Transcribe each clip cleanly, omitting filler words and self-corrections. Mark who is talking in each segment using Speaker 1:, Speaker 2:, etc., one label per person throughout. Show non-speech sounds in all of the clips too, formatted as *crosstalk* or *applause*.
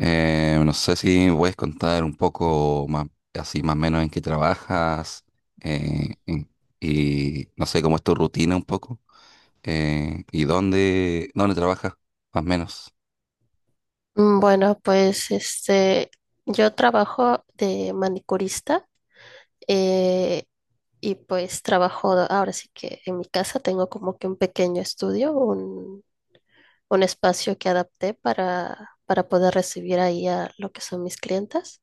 Speaker 1: No sé si me puedes contar un poco más, así más o menos en qué trabajas eh, en- y no sé cómo es tu rutina un poco, y dónde trabajas más o menos.
Speaker 2: Bueno, pues yo trabajo de manicurista, eh, y pues trabajo, ahora sí que en mi casa, tengo como que un pequeño estudio, un espacio que adapté para poder recibir ahí a lo que son mis clientas.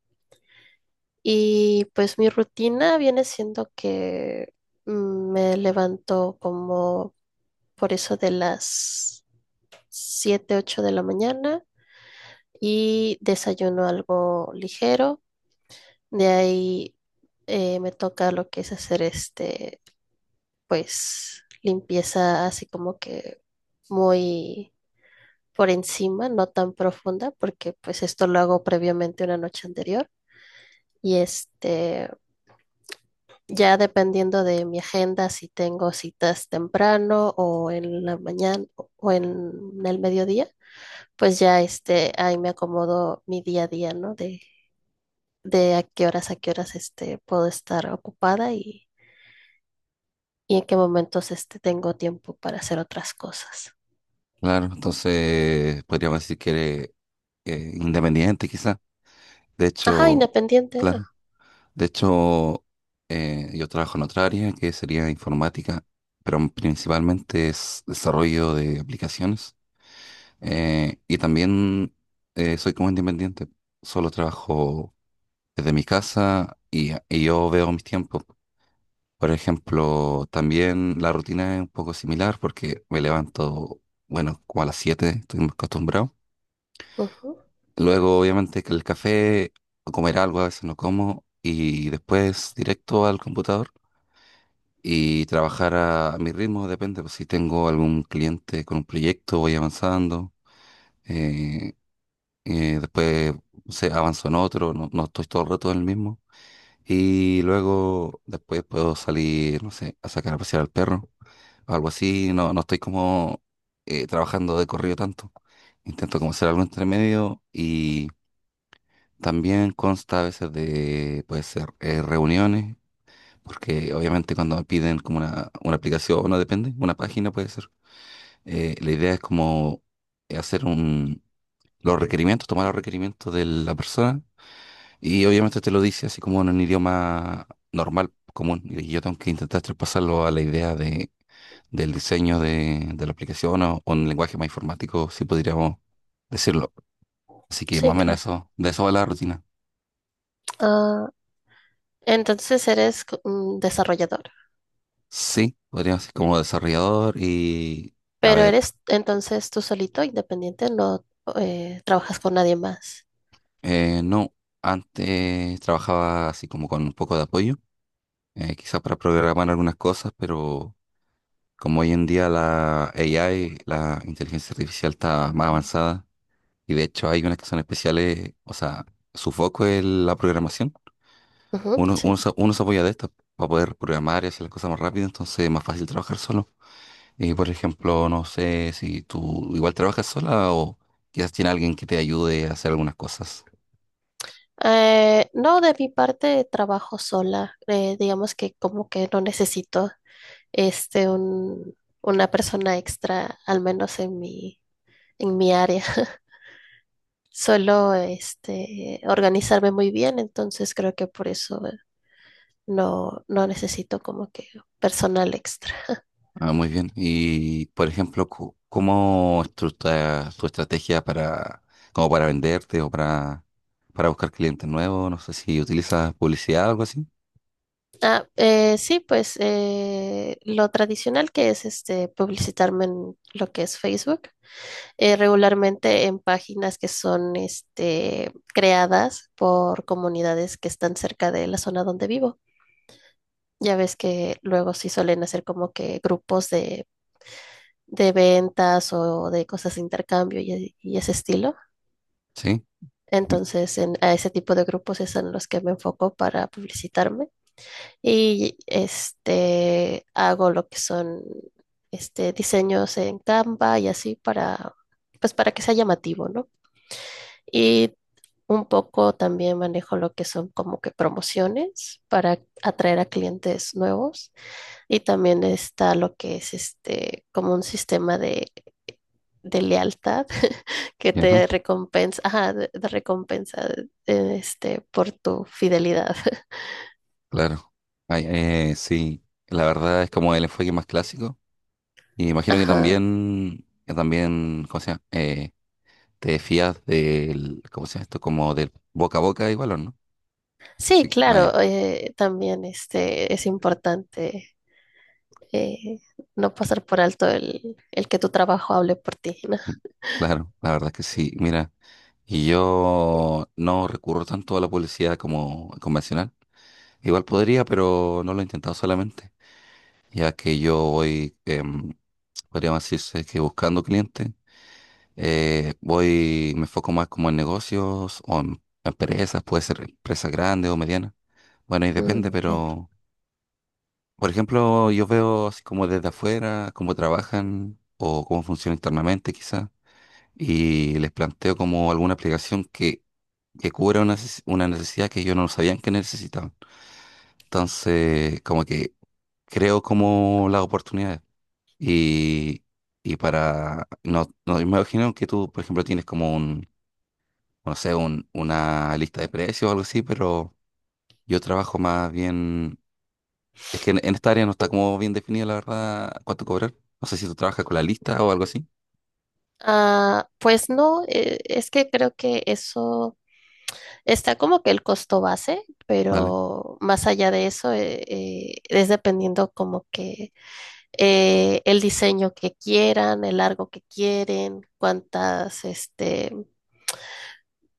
Speaker 2: Y pues mi rutina viene siendo que, me levanto como por eso de las 7, 8 de la mañana y desayuno algo ligero. De ahí, me toca lo que es hacer pues, limpieza así como que muy por encima, no tan profunda, porque pues esto lo hago previamente una noche anterior. Y ya dependiendo de mi agenda, si tengo citas temprano o en la mañana o en el mediodía, pues ya ahí me acomodo mi día a día, ¿no? De a qué horas puedo estar ocupada y en qué momentos tengo tiempo para hacer otras cosas.
Speaker 1: Claro, entonces podríamos decir que eres independiente quizá. De
Speaker 2: Ajá,
Speaker 1: hecho,
Speaker 2: independiente. Ah,
Speaker 1: claro, de hecho, yo trabajo en otra área que sería informática, pero principalmente es desarrollo de aplicaciones. Y también soy como independiente. Solo trabajo desde mi casa y yo veo mis tiempos. Por ejemplo, también la rutina es un poco similar porque me levanto, bueno, como a las 7, estoy muy acostumbrado.
Speaker 2: ujú.
Speaker 1: Luego, obviamente, que el café o comer algo, a veces no como. Y después directo al computador y trabajar a mi ritmo, depende. Pues, si tengo algún cliente con un proyecto, voy avanzando. eh, Después se avanzó en otro. No, no estoy todo el rato en el mismo. Y luego después puedo salir, no sé, a sacar a pasear al perro o algo así. No, no estoy como trabajando de corrido tanto. Intento como hacer algo entre medio, y también consta a veces de, puede ser, reuniones, porque obviamente cuando me piden como una aplicación, no depende, una página puede ser. La idea es como hacer un, los requerimientos, tomar los requerimientos de la persona, y obviamente te lo dice así como en un idioma normal, común. Y yo tengo que intentar traspasarlo a la idea de, del diseño de la aplicación o en lenguaje más informático, si podríamos decirlo. Así que más
Speaker 2: Sí,
Speaker 1: o menos
Speaker 2: claro.
Speaker 1: eso, de eso va la rutina.
Speaker 2: Ah, entonces eres un desarrollador,
Speaker 1: Sí, podríamos ser como desarrollador y, a
Speaker 2: pero
Speaker 1: ver,
Speaker 2: eres entonces tú solito, independiente, no, trabajas con nadie más.
Speaker 1: no, antes trabajaba así como con un poco de apoyo, quizás para programar algunas cosas, pero como hoy en día la AI, la inteligencia artificial está más
Speaker 2: Ujú.
Speaker 1: avanzada. Y de hecho hay unas que son especiales, o sea, su foco es la programación.
Speaker 2: Ujú, sí.
Speaker 1: Uno se apoya de estas para poder programar y hacer las cosas más rápido, entonces es más fácil trabajar solo. Y por ejemplo, no sé si tú igual trabajas sola o quizás tiene alguien que te ayude a hacer algunas cosas.
Speaker 2: No, de mi parte trabajo sola. Digamos que como que no necesito este un, una persona extra, al menos en mi área. *laughs* Suelo, organizarme muy bien, entonces creo que por eso no, no necesito como que personal extra. *laughs*
Speaker 1: Ah, muy bien. Y por ejemplo, ¿cómo es tu estrategia para, como para venderte o para buscar clientes nuevos? No sé si utilizas publicidad o algo así.
Speaker 2: Ah, sí, pues lo tradicional, que es publicitarme en lo que es Facebook, regularmente en páginas que son, creadas por comunidades que están cerca de la zona donde vivo. Ya ves que luego sí suelen hacer como que grupos de ventas o de cosas de intercambio y ese estilo.
Speaker 1: Sí. Ujú.
Speaker 2: Entonces, en, a ese tipo de grupos es en los que me enfoco para publicitarme, y hago lo que son, diseños en Canva y así para, pues para que sea llamativo, ¿no? Y un poco también manejo lo que son como que promociones para atraer a clientes nuevos, y también está lo que es como un sistema de lealtad *laughs* que
Speaker 1: Ya.
Speaker 2: te recompensa, ajá, de recompensa por tu fidelidad. *laughs*
Speaker 1: Claro. Ay, sí, la verdad es como el enfoque más clásico. Y imagino que
Speaker 2: Ajá.
Speaker 1: también, ¿cómo se llama? Te fías del, ¿cómo se llama esto? Como del boca a boca igual, ¿o no?
Speaker 2: Sí,
Speaker 1: Así, ah,
Speaker 2: claro,
Speaker 1: ya.
Speaker 2: también es importante, eh, no pasar por alto el que tu trabajo hable por ti, *laughs* ¿no?
Speaker 1: Mm, Claro, la verdad es que sí. Mira, y yo no recurro tanto a la publicidad como convencional. Igual podría, pero no lo he intentado solamente, ya que yo voy, podríamos decirse que buscando clientes. Voy, me enfoco más como en negocios o en empresas, puede ser empresas grandes o medianas. Bueno, y depende,
Speaker 2: Mm, entiendo.
Speaker 1: pero por ejemplo, yo veo así como desde afuera, cómo trabajan o cómo funciona internamente quizás, y les planteo como alguna aplicación que cubra una necesidad que ellos no sabían que necesitaban. Entonces, como que creo como las oportunidades. Y, y para, no, no, me imagino que tú, por ejemplo, tienes como un, no sé, una lista de precios o algo así, pero yo trabajo más bien, es que en esta área no está como bien definido, la verdad, cuánto cobrar. No sé si tú trabajas con la lista o algo así.
Speaker 2: Ah, pues no, es que creo que eso, está como que el costo base,
Speaker 1: Vale,
Speaker 2: pero más allá de eso, es dependiendo como que, el diseño que quieran, el largo que quieren,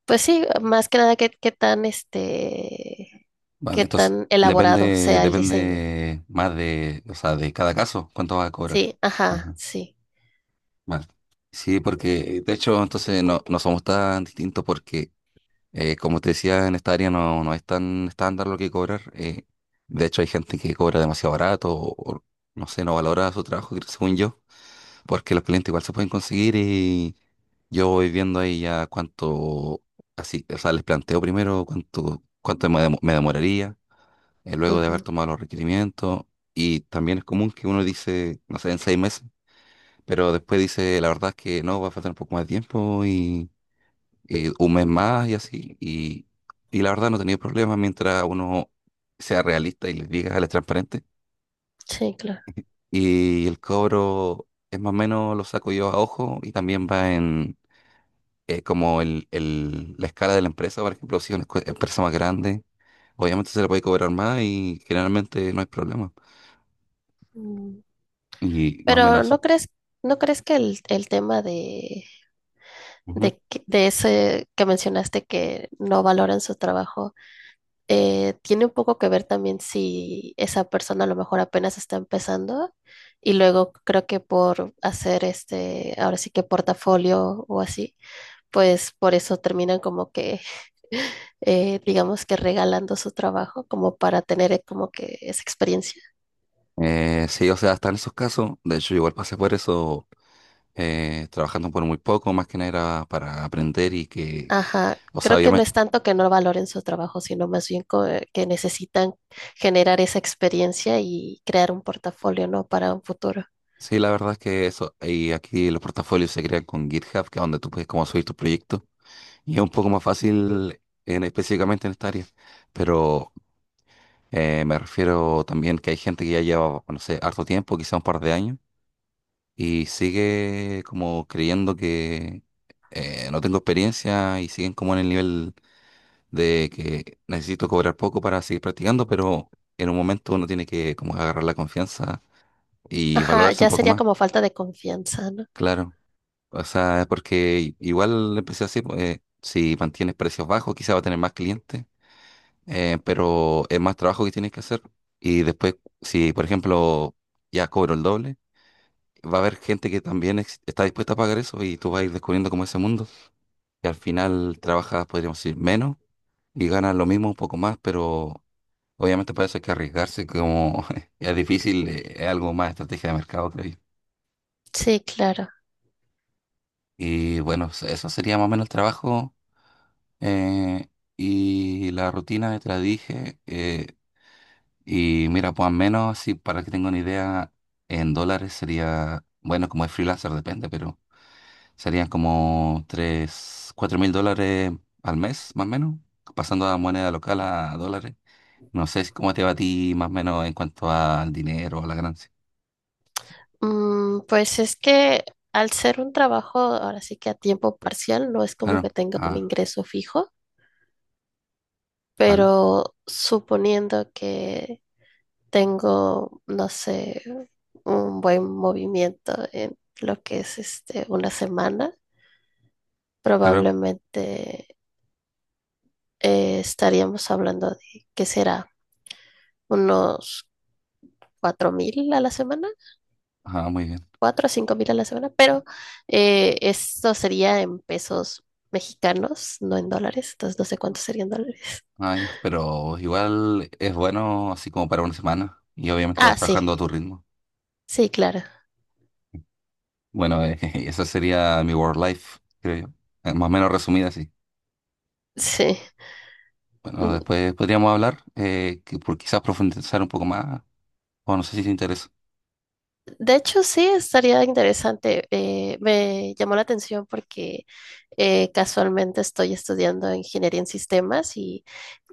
Speaker 2: pues sí, más que nada qué tan,
Speaker 1: vale.
Speaker 2: qué
Speaker 1: Entonces,
Speaker 2: tan elaborado
Speaker 1: depende,
Speaker 2: sea el diseño.
Speaker 1: depende más de, o sea, de cada caso, cuánto vas a cobrar.
Speaker 2: Sí, ajá,
Speaker 1: Ajá,
Speaker 2: sí,
Speaker 1: vale. Sí, porque de hecho, entonces no, no somos tan distintos porque como te decía, en esta área no, no es tan estándar lo que cobrar. De hecho, hay gente que cobra demasiado barato o, no sé, no valora su trabajo, creo, según yo, porque los clientes igual se pueden conseguir y yo voy viendo ahí ya cuánto, así, o sea, les planteo primero cuánto me demoraría, luego de haber
Speaker 2: ujú,
Speaker 1: tomado los requerimientos. Y también es común que uno dice, no sé, en 6 meses, pero después dice, la verdad es que no, va a faltar un poco más de tiempo y un mes más y así. Y la verdad no he tenido problemas mientras uno sea realista y les diga, les transparente.
Speaker 2: sí, claro.
Speaker 1: Y el cobro es más o menos lo saco yo a ojo y también va en como la escala de la empresa, por ejemplo, si es una empresa más grande, obviamente se le puede cobrar más y generalmente no hay problema.
Speaker 2: Mm.
Speaker 1: Y más o
Speaker 2: Pero
Speaker 1: menos eso.
Speaker 2: ¿no crees que el tema de,
Speaker 1: Ujú.
Speaker 2: de ese que mencionaste, que no valoran su trabajo, tiene un poco que ver también si esa persona a lo mejor apenas está empezando, y luego creo que por hacer ahora sí que portafolio o así, pues por eso terminan como que, *laughs* digamos que regalando su trabajo como para tener como que esa experiencia.
Speaker 1: Sí, o sea, hasta en esos casos, de hecho, igual pasé por eso, trabajando por muy poco, más que nada era para aprender y que,
Speaker 2: Ajá.
Speaker 1: o sea,
Speaker 2: Creo que no es tanto que no valoren su trabajo, sino más bien que necesitan generar esa experiencia y crear un portafolio, ¿no? Para un futuro.
Speaker 1: Sí, la verdad es que eso, y aquí los portafolios se crean con GitHub, que es donde tú puedes como subir tus proyectos, y es un poco más fácil en, específicamente en esta área, pero me refiero también que hay gente que ya lleva, no sé, harto tiempo, quizá un par de años, y sigue como creyendo que no tengo experiencia y siguen como en el nivel de que necesito cobrar poco para seguir practicando, pero en un momento uno tiene que como agarrar la confianza y
Speaker 2: Ajá,
Speaker 1: valorarse un
Speaker 2: ya
Speaker 1: poco
Speaker 2: sería
Speaker 1: más,
Speaker 2: como falta de confianza, ¿no?
Speaker 1: claro. O sea, porque igual el precio así, pues, si mantienes precios bajos, quizá va a tener más clientes, pero es más trabajo que tienes que hacer. Y después, si por ejemplo ya cobro el doble, va a haber gente que también está dispuesta a pagar eso y tú vas a ir descubriendo como ese mundo. Que al final trabajas, podríamos decir, menos y ganas lo mismo, un poco más, pero obviamente para eso hay que arriesgarse, como *laughs* es difícil, es algo más estrategia de mercado, creo yo.
Speaker 2: Sí, claro.
Speaker 1: Y bueno, eso sería más o menos el trabajo. Eh, y la rutina ya te la dije. Y mira, pues al menos, si para que tenga una idea, en dólares sería, bueno, como es freelancer, depende, pero serían como 3 4 mil dólares al mes, más o menos, pasando a moneda local a dólares. No sé si cómo te va a ti, más o menos, en cuanto al dinero, a la ganancia.
Speaker 2: Mm, pues es que al ser un trabajo, ahora sí que a tiempo parcial, no es como que
Speaker 1: Claro,
Speaker 2: tenga un
Speaker 1: ah,
Speaker 2: ingreso fijo,
Speaker 1: vale,
Speaker 2: pero suponiendo que tengo, no sé, un buen movimiento en lo que es una semana,
Speaker 1: claro,
Speaker 2: probablemente, estaríamos hablando de, ¿qué será? Unos 4000 a la semana,
Speaker 1: ah, muy bien.
Speaker 2: 4 a 5000 a la semana, pero esto sería en pesos mexicanos, no en dólares, entonces no sé cuántos serían dólares.
Speaker 1: Ay, pero igual es bueno así como para una semana y obviamente vas
Speaker 2: Ah, sí,
Speaker 1: trabajando a tu ritmo.
Speaker 2: sí, claro,
Speaker 1: Bueno, *laughs* esa sería mi work life, creo yo. Más o menos resumida así.
Speaker 2: sí.
Speaker 1: Bueno,
Speaker 2: Mm.
Speaker 1: después podríamos hablar, que por quizás profundizar un poco más, o no sé si te interesa.
Speaker 2: De hecho, sí, estaría interesante. Me llamó la atención porque, casualmente estoy estudiando ingeniería en sistemas y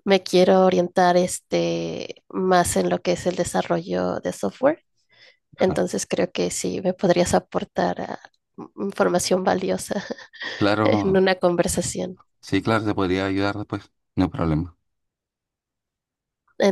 Speaker 2: me quiero orientar, más en lo que es el desarrollo de software.
Speaker 1: Ajá.
Speaker 2: Entonces creo que sí me podrías aportar, ah, información valiosa *laughs*
Speaker 1: Claro,
Speaker 2: en una conversación.
Speaker 1: sí, claro, te podría ayudar después, no hay problema.